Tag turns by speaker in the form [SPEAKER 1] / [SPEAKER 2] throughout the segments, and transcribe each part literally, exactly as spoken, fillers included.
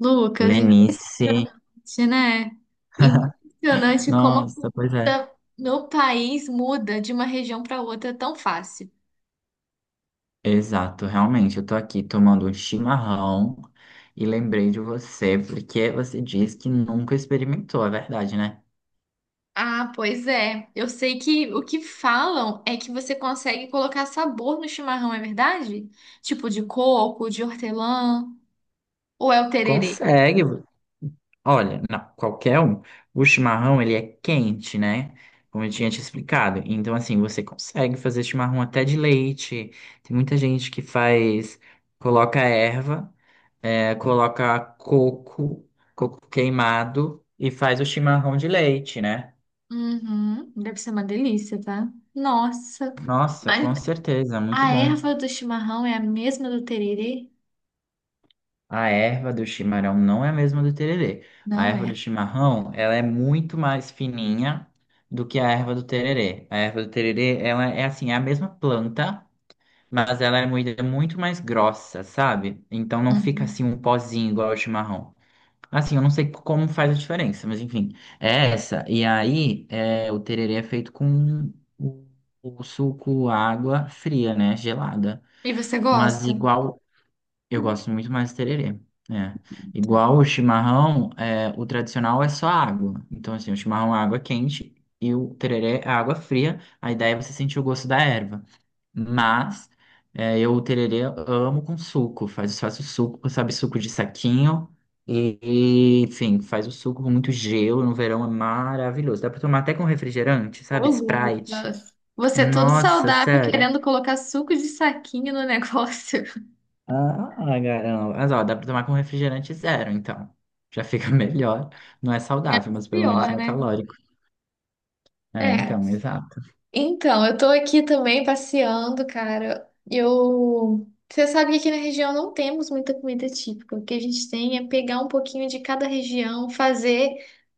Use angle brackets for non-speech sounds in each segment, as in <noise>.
[SPEAKER 1] Lucas,
[SPEAKER 2] Lenice.
[SPEAKER 1] impressionante, né? Impressionante como a
[SPEAKER 2] Nossa, pois é.
[SPEAKER 1] cultura no país muda de uma região para outra tão fácil.
[SPEAKER 2] Exato, realmente. Eu tô aqui tomando um chimarrão e lembrei de você, porque você disse que nunca experimentou, é verdade, né?
[SPEAKER 1] Ah, pois é. Eu sei que o que falam é que você consegue colocar sabor no chimarrão, é verdade? Tipo de coco, de hortelã, ou é o tererê?
[SPEAKER 2] Consegue. Olha, não, qualquer um. O chimarrão, ele é quente, né? Como eu tinha te explicado. Então, assim, você consegue fazer chimarrão até de leite. Tem muita gente que faz, coloca erva, é, coloca coco, coco queimado e faz o chimarrão de leite, né?
[SPEAKER 1] Uhum, deve ser uma delícia, tá? Nossa.
[SPEAKER 2] Nossa,
[SPEAKER 1] Mas
[SPEAKER 2] com certeza, muito
[SPEAKER 1] a
[SPEAKER 2] bom.
[SPEAKER 1] erva do chimarrão é a mesma do tererê?
[SPEAKER 2] A erva do chimarrão não é a mesma do tererê. A
[SPEAKER 1] Não
[SPEAKER 2] erva do
[SPEAKER 1] é.
[SPEAKER 2] chimarrão, ela é muito mais fininha do que a erva do tererê. A erva do tererê, ela é assim, é a mesma planta, mas ela é moída muito mais grossa, sabe? Então não fica assim
[SPEAKER 1] Uhum.
[SPEAKER 2] um pozinho igual ao chimarrão. Assim, eu não sei como faz a diferença, mas enfim, é essa. E aí, é, o tererê é feito com o o suco, água fria, né? Gelada.
[SPEAKER 1] E você
[SPEAKER 2] Mas
[SPEAKER 1] gosta?
[SPEAKER 2] igual, eu gosto muito mais do tererê. É. Igual o chimarrão, é, o tradicional é só água. Então, assim, o chimarrão é água quente e o tererê é água fria. A ideia é você sentir o gosto da erva. Mas é, eu o tererê amo com suco. Faz, faz o suco, sabe, suco de saquinho. E, e, enfim, faz o suco com muito gelo. No verão é maravilhoso. Dá pra tomar até com refrigerante,
[SPEAKER 1] Ô,
[SPEAKER 2] sabe? Sprite.
[SPEAKER 1] Lucas, você é todo
[SPEAKER 2] Nossa,
[SPEAKER 1] saudável
[SPEAKER 2] sério.
[SPEAKER 1] querendo colocar suco de saquinho no negócio.
[SPEAKER 2] Ah, caramba. Mas ó, dá pra tomar com refrigerante zero, então. Já fica <laughs> melhor. Não é saudável, mas
[SPEAKER 1] <laughs>
[SPEAKER 2] pelo menos
[SPEAKER 1] Pior,
[SPEAKER 2] não é
[SPEAKER 1] né?
[SPEAKER 2] calórico. É,
[SPEAKER 1] É.
[SPEAKER 2] então, exato.
[SPEAKER 1] Então, eu tô aqui também passeando, cara. Eu. Você sabe que aqui na região não temos muita comida típica. O que a gente tem é pegar um pouquinho de cada região, fazer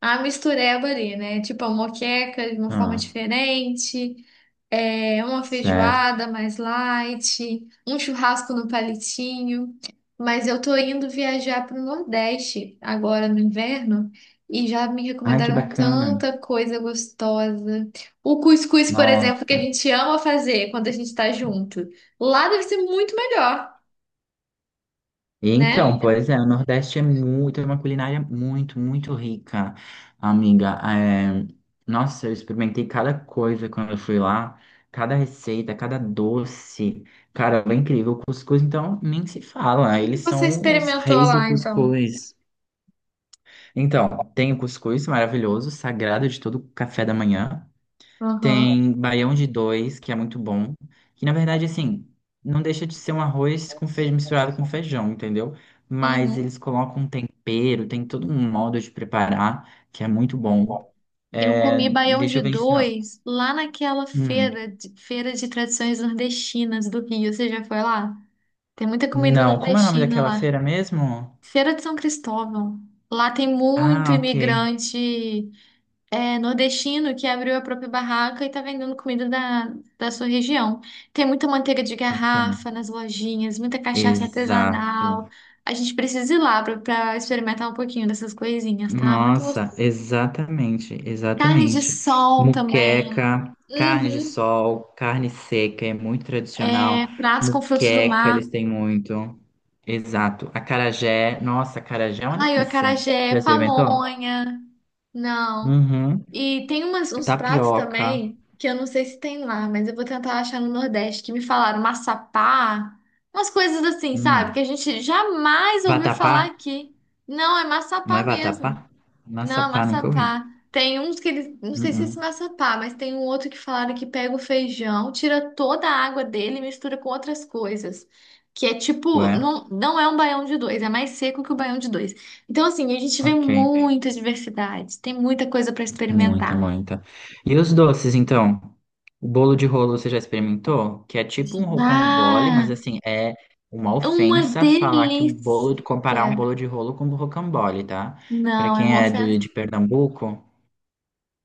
[SPEAKER 1] a mistureba ali, né? Tipo a moqueca de uma forma
[SPEAKER 2] Ah,
[SPEAKER 1] diferente. É, uma
[SPEAKER 2] certo.
[SPEAKER 1] feijoada mais light, um churrasco no palitinho. Mas eu tô indo viajar para o Nordeste agora no inverno e já me
[SPEAKER 2] Ai, que
[SPEAKER 1] recomendaram
[SPEAKER 2] bacana.
[SPEAKER 1] tanta coisa gostosa. O cuscuz, por exemplo,
[SPEAKER 2] Nossa.
[SPEAKER 1] que a gente ama fazer quando a gente está junto. Lá deve ser muito melhor,
[SPEAKER 2] E
[SPEAKER 1] né?
[SPEAKER 2] então,
[SPEAKER 1] O
[SPEAKER 2] pois é, o Nordeste é muito, é uma culinária muito, muito rica, amiga. É, nossa, eu experimentei cada coisa quando eu fui lá, cada receita, cada doce. Cara, é incrível. O cuscuz, então, nem se fala.
[SPEAKER 1] que
[SPEAKER 2] Eles
[SPEAKER 1] que você
[SPEAKER 2] são os
[SPEAKER 1] experimentou
[SPEAKER 2] reis do
[SPEAKER 1] lá, então?
[SPEAKER 2] cuscuz. Então, tem o cuscuz maravilhoso, sagrado de todo café da manhã.
[SPEAKER 1] Aham,
[SPEAKER 2] Tem baião de dois, que é muito bom. Que na verdade, assim, não deixa de ser um arroz com feijão misturado com feijão, entendeu? Mas
[SPEAKER 1] uhum,
[SPEAKER 2] eles colocam um tempero, tem todo um modo de preparar, que é muito bom.
[SPEAKER 1] eu
[SPEAKER 2] É,
[SPEAKER 1] comi baião
[SPEAKER 2] deixa
[SPEAKER 1] de
[SPEAKER 2] eu pensar.
[SPEAKER 1] dois lá naquela
[SPEAKER 2] Hum,
[SPEAKER 1] feira, de- feira de tradições nordestinas do Rio. Você já foi lá? Tem muita comida
[SPEAKER 2] não, como é o nome
[SPEAKER 1] nordestina
[SPEAKER 2] daquela
[SPEAKER 1] lá.
[SPEAKER 2] feira mesmo?
[SPEAKER 1] Feira de São Cristóvão. Lá tem muito
[SPEAKER 2] Ah, ok.
[SPEAKER 1] imigrante, é, nordestino que abriu a própria barraca e tá vendendo comida da, da sua região. Tem muita manteiga de
[SPEAKER 2] Bacana.
[SPEAKER 1] garrafa nas lojinhas, muita cachaça
[SPEAKER 2] Exato.
[SPEAKER 1] artesanal. A gente precisa ir lá pra pra experimentar um pouquinho dessas coisinhas, tá? Muito
[SPEAKER 2] Nossa,
[SPEAKER 1] gostoso.
[SPEAKER 2] exatamente,
[SPEAKER 1] Carne de
[SPEAKER 2] exatamente.
[SPEAKER 1] sol também.
[SPEAKER 2] Muqueca, carne de
[SPEAKER 1] Uhum.
[SPEAKER 2] sol, carne seca, é muito tradicional.
[SPEAKER 1] É, pratos com frutos do
[SPEAKER 2] Muqueca,
[SPEAKER 1] mar.
[SPEAKER 2] eles têm muito. Exato. Acarajé, nossa, acarajé é uma
[SPEAKER 1] Ai, o
[SPEAKER 2] delícia.
[SPEAKER 1] acarajé,
[SPEAKER 2] Já experimentou?
[SPEAKER 1] pamonha. Não.
[SPEAKER 2] Uhum.
[SPEAKER 1] E tem umas, uns pratos
[SPEAKER 2] Tapioca.
[SPEAKER 1] também que eu não sei se tem lá, mas eu vou tentar achar no Nordeste, que me falaram maçapá, umas coisas assim, sabe? Que
[SPEAKER 2] Hum.
[SPEAKER 1] a gente jamais ouviu
[SPEAKER 2] Vatapá?
[SPEAKER 1] falar aqui. Não, é
[SPEAKER 2] Não é
[SPEAKER 1] maçapá
[SPEAKER 2] vatapá?
[SPEAKER 1] mesmo. Não,
[SPEAKER 2] Maçapá, nunca ouvi.
[SPEAKER 1] maçapá. Tem uns que eles. Não sei se é esse
[SPEAKER 2] Uhum.
[SPEAKER 1] maçapá, mas tem um outro que falaram que pega o feijão, tira toda a água dele e mistura com outras coisas. Que é tipo.
[SPEAKER 2] Ué,
[SPEAKER 1] Não, não é um baião de dois, é mais seco que o baião de dois. Então, assim, a gente vê
[SPEAKER 2] ok.
[SPEAKER 1] muita diversidade, tem muita coisa para
[SPEAKER 2] Muita,
[SPEAKER 1] experimentar.
[SPEAKER 2] muita. E os doces, então? O bolo de rolo você já experimentou? Que é tipo um rocambole, mas
[SPEAKER 1] Ah,
[SPEAKER 2] assim, é uma
[SPEAKER 1] é uma
[SPEAKER 2] ofensa falar que um
[SPEAKER 1] delícia!
[SPEAKER 2] bolo, de- comparar um bolo de rolo com um rocambole, tá? Pra
[SPEAKER 1] Não, é
[SPEAKER 2] quem
[SPEAKER 1] uma
[SPEAKER 2] é do,
[SPEAKER 1] ofensa.
[SPEAKER 2] de Pernambuco,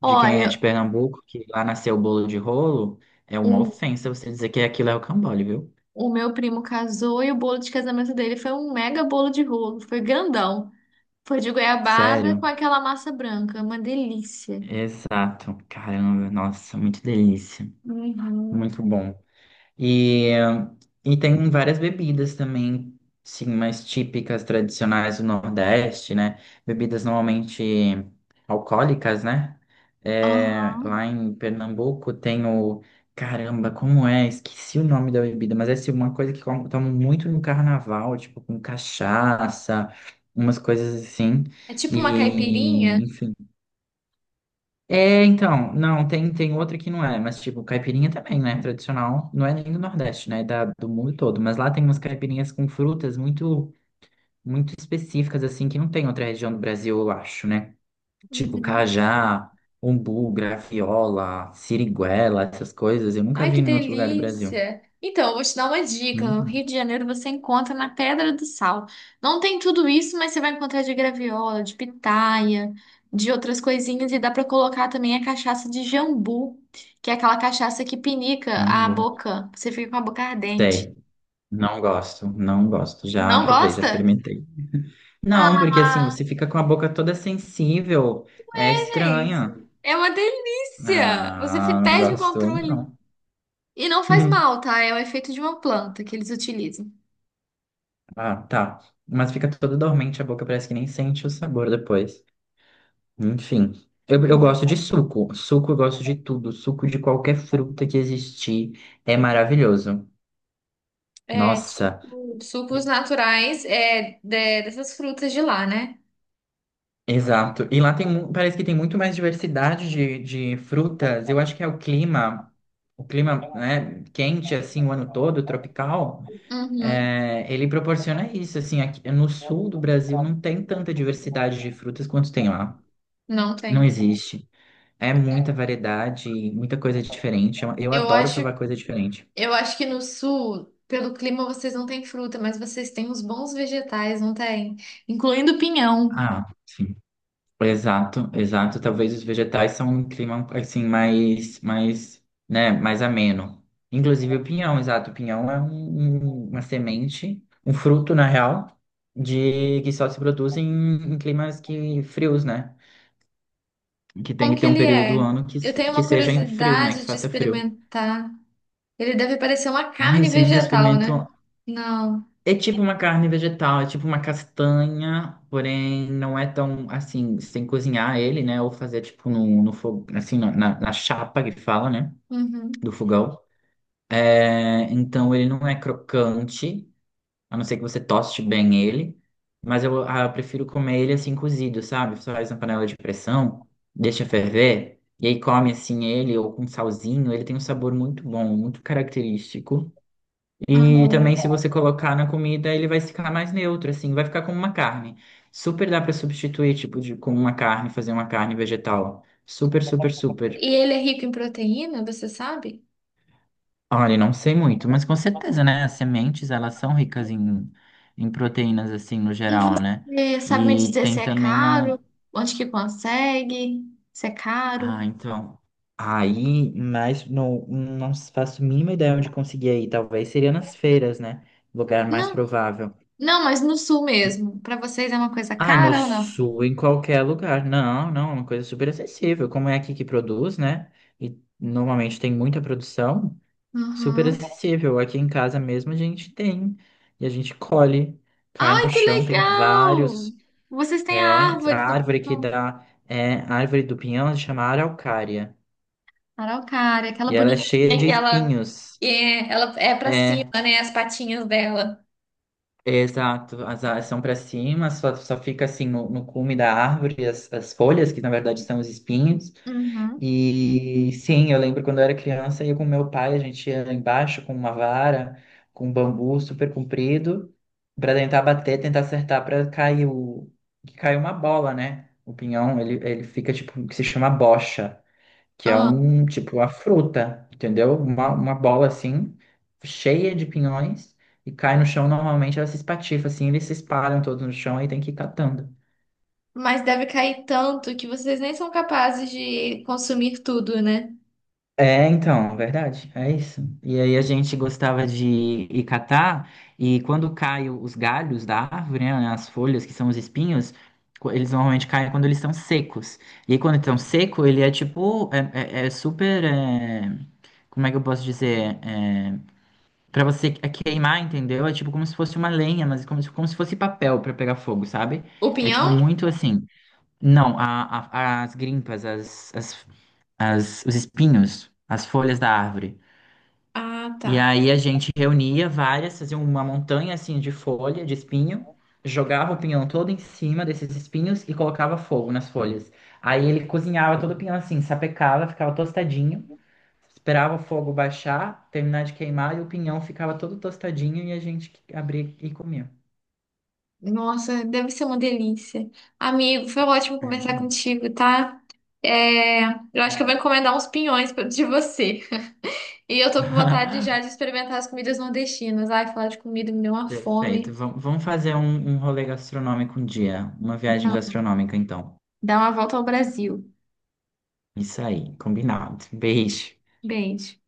[SPEAKER 2] de quem é de
[SPEAKER 1] Olha,
[SPEAKER 2] Pernambuco, que lá nasceu o bolo de rolo, é uma
[SPEAKER 1] o,
[SPEAKER 2] ofensa você dizer que aquilo é rocambole, viu?
[SPEAKER 1] o meu primo casou e o bolo de casamento dele foi um mega bolo de rolo, foi grandão. Foi de goiabada com
[SPEAKER 2] Sério?
[SPEAKER 1] aquela massa branca, uma delícia.
[SPEAKER 2] Exato. Caramba, nossa, muito delícia.
[SPEAKER 1] Uhum.
[SPEAKER 2] Muito bom. E, e tem várias bebidas também, sim, mais típicas, tradicionais do Nordeste, né? Bebidas normalmente alcoólicas, né? É,
[SPEAKER 1] Aham.
[SPEAKER 2] lá em Pernambuco tem o... Caramba, como é? Esqueci o nome da bebida, mas é assim, uma coisa que com- tomam muito no carnaval, tipo com cachaça, umas coisas assim.
[SPEAKER 1] É tipo uma caipirinha?
[SPEAKER 2] E, enfim. É, então, não, tem, tem outra que não é, mas tipo, caipirinha também, né? Tradicional, não é nem do Nordeste, né? É da, do mundo todo. Mas lá tem umas caipirinhas com frutas muito, muito específicas, assim, que não tem em outra região do Brasil, eu acho, né? Tipo,
[SPEAKER 1] Uhum.
[SPEAKER 2] cajá, umbu, graviola, siriguela, essas coisas, eu nunca
[SPEAKER 1] Ai,
[SPEAKER 2] vi
[SPEAKER 1] que
[SPEAKER 2] em outro lugar do Brasil.
[SPEAKER 1] delícia! Então, eu vou te dar uma dica. No
[SPEAKER 2] Hum,
[SPEAKER 1] Rio de Janeiro você encontra na Pedra do Sal. Não tem tudo isso, mas você vai encontrar de graviola, de pitaia, de outras coisinhas. E dá pra colocar também a cachaça de jambu, que é aquela cachaça que pinica a
[SPEAKER 2] jambu.
[SPEAKER 1] boca. Você fica com a boca ardente.
[SPEAKER 2] Sei, não gosto, não gosto. Já
[SPEAKER 1] Não
[SPEAKER 2] provei, já
[SPEAKER 1] gosta?
[SPEAKER 2] experimentei. Não, porque assim,
[SPEAKER 1] Ah!
[SPEAKER 2] você fica com a boca toda sensível, é estranha.
[SPEAKER 1] Gente, é uma delícia! Você fi-
[SPEAKER 2] Ah, não
[SPEAKER 1] perde o
[SPEAKER 2] gostou,
[SPEAKER 1] controle.
[SPEAKER 2] não.
[SPEAKER 1] E não faz mal,
[SPEAKER 2] <laughs>
[SPEAKER 1] tá? É o efeito de uma planta que eles utilizam.
[SPEAKER 2] Ah, tá. Mas fica toda dormente a boca, parece que nem sente o sabor depois. Enfim, eu, eu
[SPEAKER 1] Hum.
[SPEAKER 2] gosto de suco. Suco eu gosto de tudo. Suco de qualquer fruta que existir é maravilhoso.
[SPEAKER 1] É,
[SPEAKER 2] Nossa,
[SPEAKER 1] tipo, sucos naturais, é, de- dessas frutas de lá, né?
[SPEAKER 2] exato. E lá tem, mu- parece que tem muito mais diversidade de, de frutas. Eu acho que é o clima, o clima, né, quente assim o ano todo, tropical.
[SPEAKER 1] Uhum.
[SPEAKER 2] É, ele proporciona isso, assim, aqui no sul do Brasil não tem tanta diversidade de frutas quanto tem lá.
[SPEAKER 1] Não
[SPEAKER 2] Não
[SPEAKER 1] tem.
[SPEAKER 2] existe. É muita variedade, muita coisa diferente. Eu, eu
[SPEAKER 1] Eu
[SPEAKER 2] adoro
[SPEAKER 1] acho,
[SPEAKER 2] provar coisa diferente.
[SPEAKER 1] eu acho que no sul, pelo clima, vocês não têm fruta, mas vocês têm uns bons vegetais, não tem? Incluindo pinhão.
[SPEAKER 2] Ah, sim. Exato, exato. Talvez os vegetais são um clima assim mais, mais, né, mais ameno. Inclusive o pinhão, exato. O pinhão é um- um- uma semente, um fruto, na real, de que só se produz em, em climas que frios, né? Que tem
[SPEAKER 1] Como
[SPEAKER 2] que
[SPEAKER 1] que
[SPEAKER 2] ter um
[SPEAKER 1] ele
[SPEAKER 2] período do
[SPEAKER 1] é?
[SPEAKER 2] ano que,
[SPEAKER 1] Eu
[SPEAKER 2] se-
[SPEAKER 1] tenho
[SPEAKER 2] que
[SPEAKER 1] uma
[SPEAKER 2] seja em frio, né? Que
[SPEAKER 1] curiosidade de
[SPEAKER 2] faça frio.
[SPEAKER 1] experimentar. Ele deve parecer uma
[SPEAKER 2] Ai,
[SPEAKER 1] carne
[SPEAKER 2] você nunca
[SPEAKER 1] vegetal,
[SPEAKER 2] experimentou.
[SPEAKER 1] né? Não.
[SPEAKER 2] É tipo uma carne vegetal, é tipo uma castanha, porém não é tão assim, sem cozinhar ele, né? Ou fazer tipo no, no fogo, assim, na, na na chapa que fala, né?
[SPEAKER 1] Uhum,
[SPEAKER 2] Do fogão. É, então ele não é crocante, a não ser que você toste bem ele. Mas eu, ah, eu prefiro comer ele assim cozido, sabe? Você faz na panela de pressão, deixa ferver, e aí come assim ele ou com salzinho. Ele tem um sabor muito bom, muito característico. E
[SPEAKER 1] uhum.
[SPEAKER 2] também se você colocar na comida, ele vai ficar mais neutro, assim, vai ficar como uma carne. Super dá pra substituir, tipo, de, como uma carne, fazer uma carne vegetal. Super, super,
[SPEAKER 1] É,
[SPEAKER 2] super.
[SPEAKER 1] e ele é rico em proteína, você sabe?
[SPEAKER 2] Olha, não sei muito, mas com certeza, né? As sementes, elas são ricas em, em proteínas, assim, no
[SPEAKER 1] E
[SPEAKER 2] geral, né?
[SPEAKER 1] você sabe me
[SPEAKER 2] E
[SPEAKER 1] dizer se
[SPEAKER 2] tem
[SPEAKER 1] é
[SPEAKER 2] também a...
[SPEAKER 1] caro? Onde que consegue? Se é caro?
[SPEAKER 2] Ah, então... Aí, mas não, não faço a mínima ideia onde conseguir aí. Talvez seria nas feiras, né? Lugar mais
[SPEAKER 1] Não,
[SPEAKER 2] provável.
[SPEAKER 1] não, mas no sul mesmo. Pra vocês é uma coisa
[SPEAKER 2] Ah, no
[SPEAKER 1] cara ou não?
[SPEAKER 2] sul, em qualquer lugar. Não, não, é uma coisa super acessível. Como é aqui que produz, né? E normalmente tem muita produção. Super
[SPEAKER 1] Uhum.
[SPEAKER 2] acessível. Aqui em casa mesmo a gente tem. E a gente colhe, cai
[SPEAKER 1] Ai,
[SPEAKER 2] no
[SPEAKER 1] que
[SPEAKER 2] chão, tem
[SPEAKER 1] legal!
[SPEAKER 2] vários.
[SPEAKER 1] Vocês têm a
[SPEAKER 2] É, a
[SPEAKER 1] árvore do
[SPEAKER 2] árvore que dá. É, a árvore do pinhão se chama araucária.
[SPEAKER 1] araucária, aquela
[SPEAKER 2] E ela é cheia
[SPEAKER 1] bonitinha
[SPEAKER 2] de
[SPEAKER 1] que ela
[SPEAKER 2] espinhos.
[SPEAKER 1] é, ela é para
[SPEAKER 2] É,
[SPEAKER 1] cima, né? As patinhas dela.
[SPEAKER 2] exato, as asas são para cima, só, só fica assim no, no cume da árvore as, as folhas, que na verdade são os espinhos.
[SPEAKER 1] Uhum.
[SPEAKER 2] E sim, eu lembro quando eu era criança, eu com meu pai, a gente ia lá embaixo com uma vara, com um bambu super comprido, para tentar bater, tentar acertar para cair o que cai uma bola, né? O pinhão, ele, ele fica tipo, que se chama bocha, que é um tipo a fruta, entendeu? Uma, uma bola assim, cheia de pinhões, e cai no chão, normalmente ela se espatifa assim, eles se espalham todos no chão e tem que ir catando.
[SPEAKER 1] Mas deve cair tanto que vocês nem são capazes de consumir tudo, né?
[SPEAKER 2] É, então, verdade, é isso. E aí a gente gostava de ir catar, e quando caem os galhos da árvore, né, né, as folhas, que são os espinhos, co- eles normalmente caem quando eles estão secos. E aí quando estão seco, ele é tipo, é, é- é super, é, como é que eu posso dizer? É, pra você que- é queimar, entendeu? É tipo como se fosse uma lenha, mas como se, como se fosse papel pra pegar fogo, sabe?
[SPEAKER 1] O
[SPEAKER 2] É
[SPEAKER 1] pinhão?
[SPEAKER 2] tipo muito assim. Não, a- a- as grimpas, as, as- as- os espinhos, as folhas da árvore.
[SPEAKER 1] Ah, tá.
[SPEAKER 2] E aí a gente reunia várias, fazia uma montanha assim de folha, de espinho, jogava o pinhão todo em cima desses espinhos e colocava fogo nas folhas. Aí ele cozinhava todo o pinhão assim, sapecava, ficava tostadinho. Esperava o fogo baixar, terminar de queimar e o pinhão ficava todo tostadinho e a gente abria e comia.
[SPEAKER 1] Nossa, deve ser uma delícia. Amigo, foi ótimo
[SPEAKER 2] É muito
[SPEAKER 1] conversar
[SPEAKER 2] bom.
[SPEAKER 1] contigo, tá? É, eu acho que eu vou
[SPEAKER 2] Bom,
[SPEAKER 1] encomendar uns pinhões pra- de você. <laughs> E eu tô com vontade já de
[SPEAKER 2] <laughs>
[SPEAKER 1] experimentar as comidas nordestinas. Ai, falar de comida me deu uma fome.
[SPEAKER 2] perfeito. Vam- Vamos fazer um, um rolê gastronômico um dia. Uma viagem
[SPEAKER 1] Não,
[SPEAKER 2] gastronômica, então.
[SPEAKER 1] dá uma volta ao Brasil.
[SPEAKER 2] Isso aí, combinado. Beijo.
[SPEAKER 1] Beijo.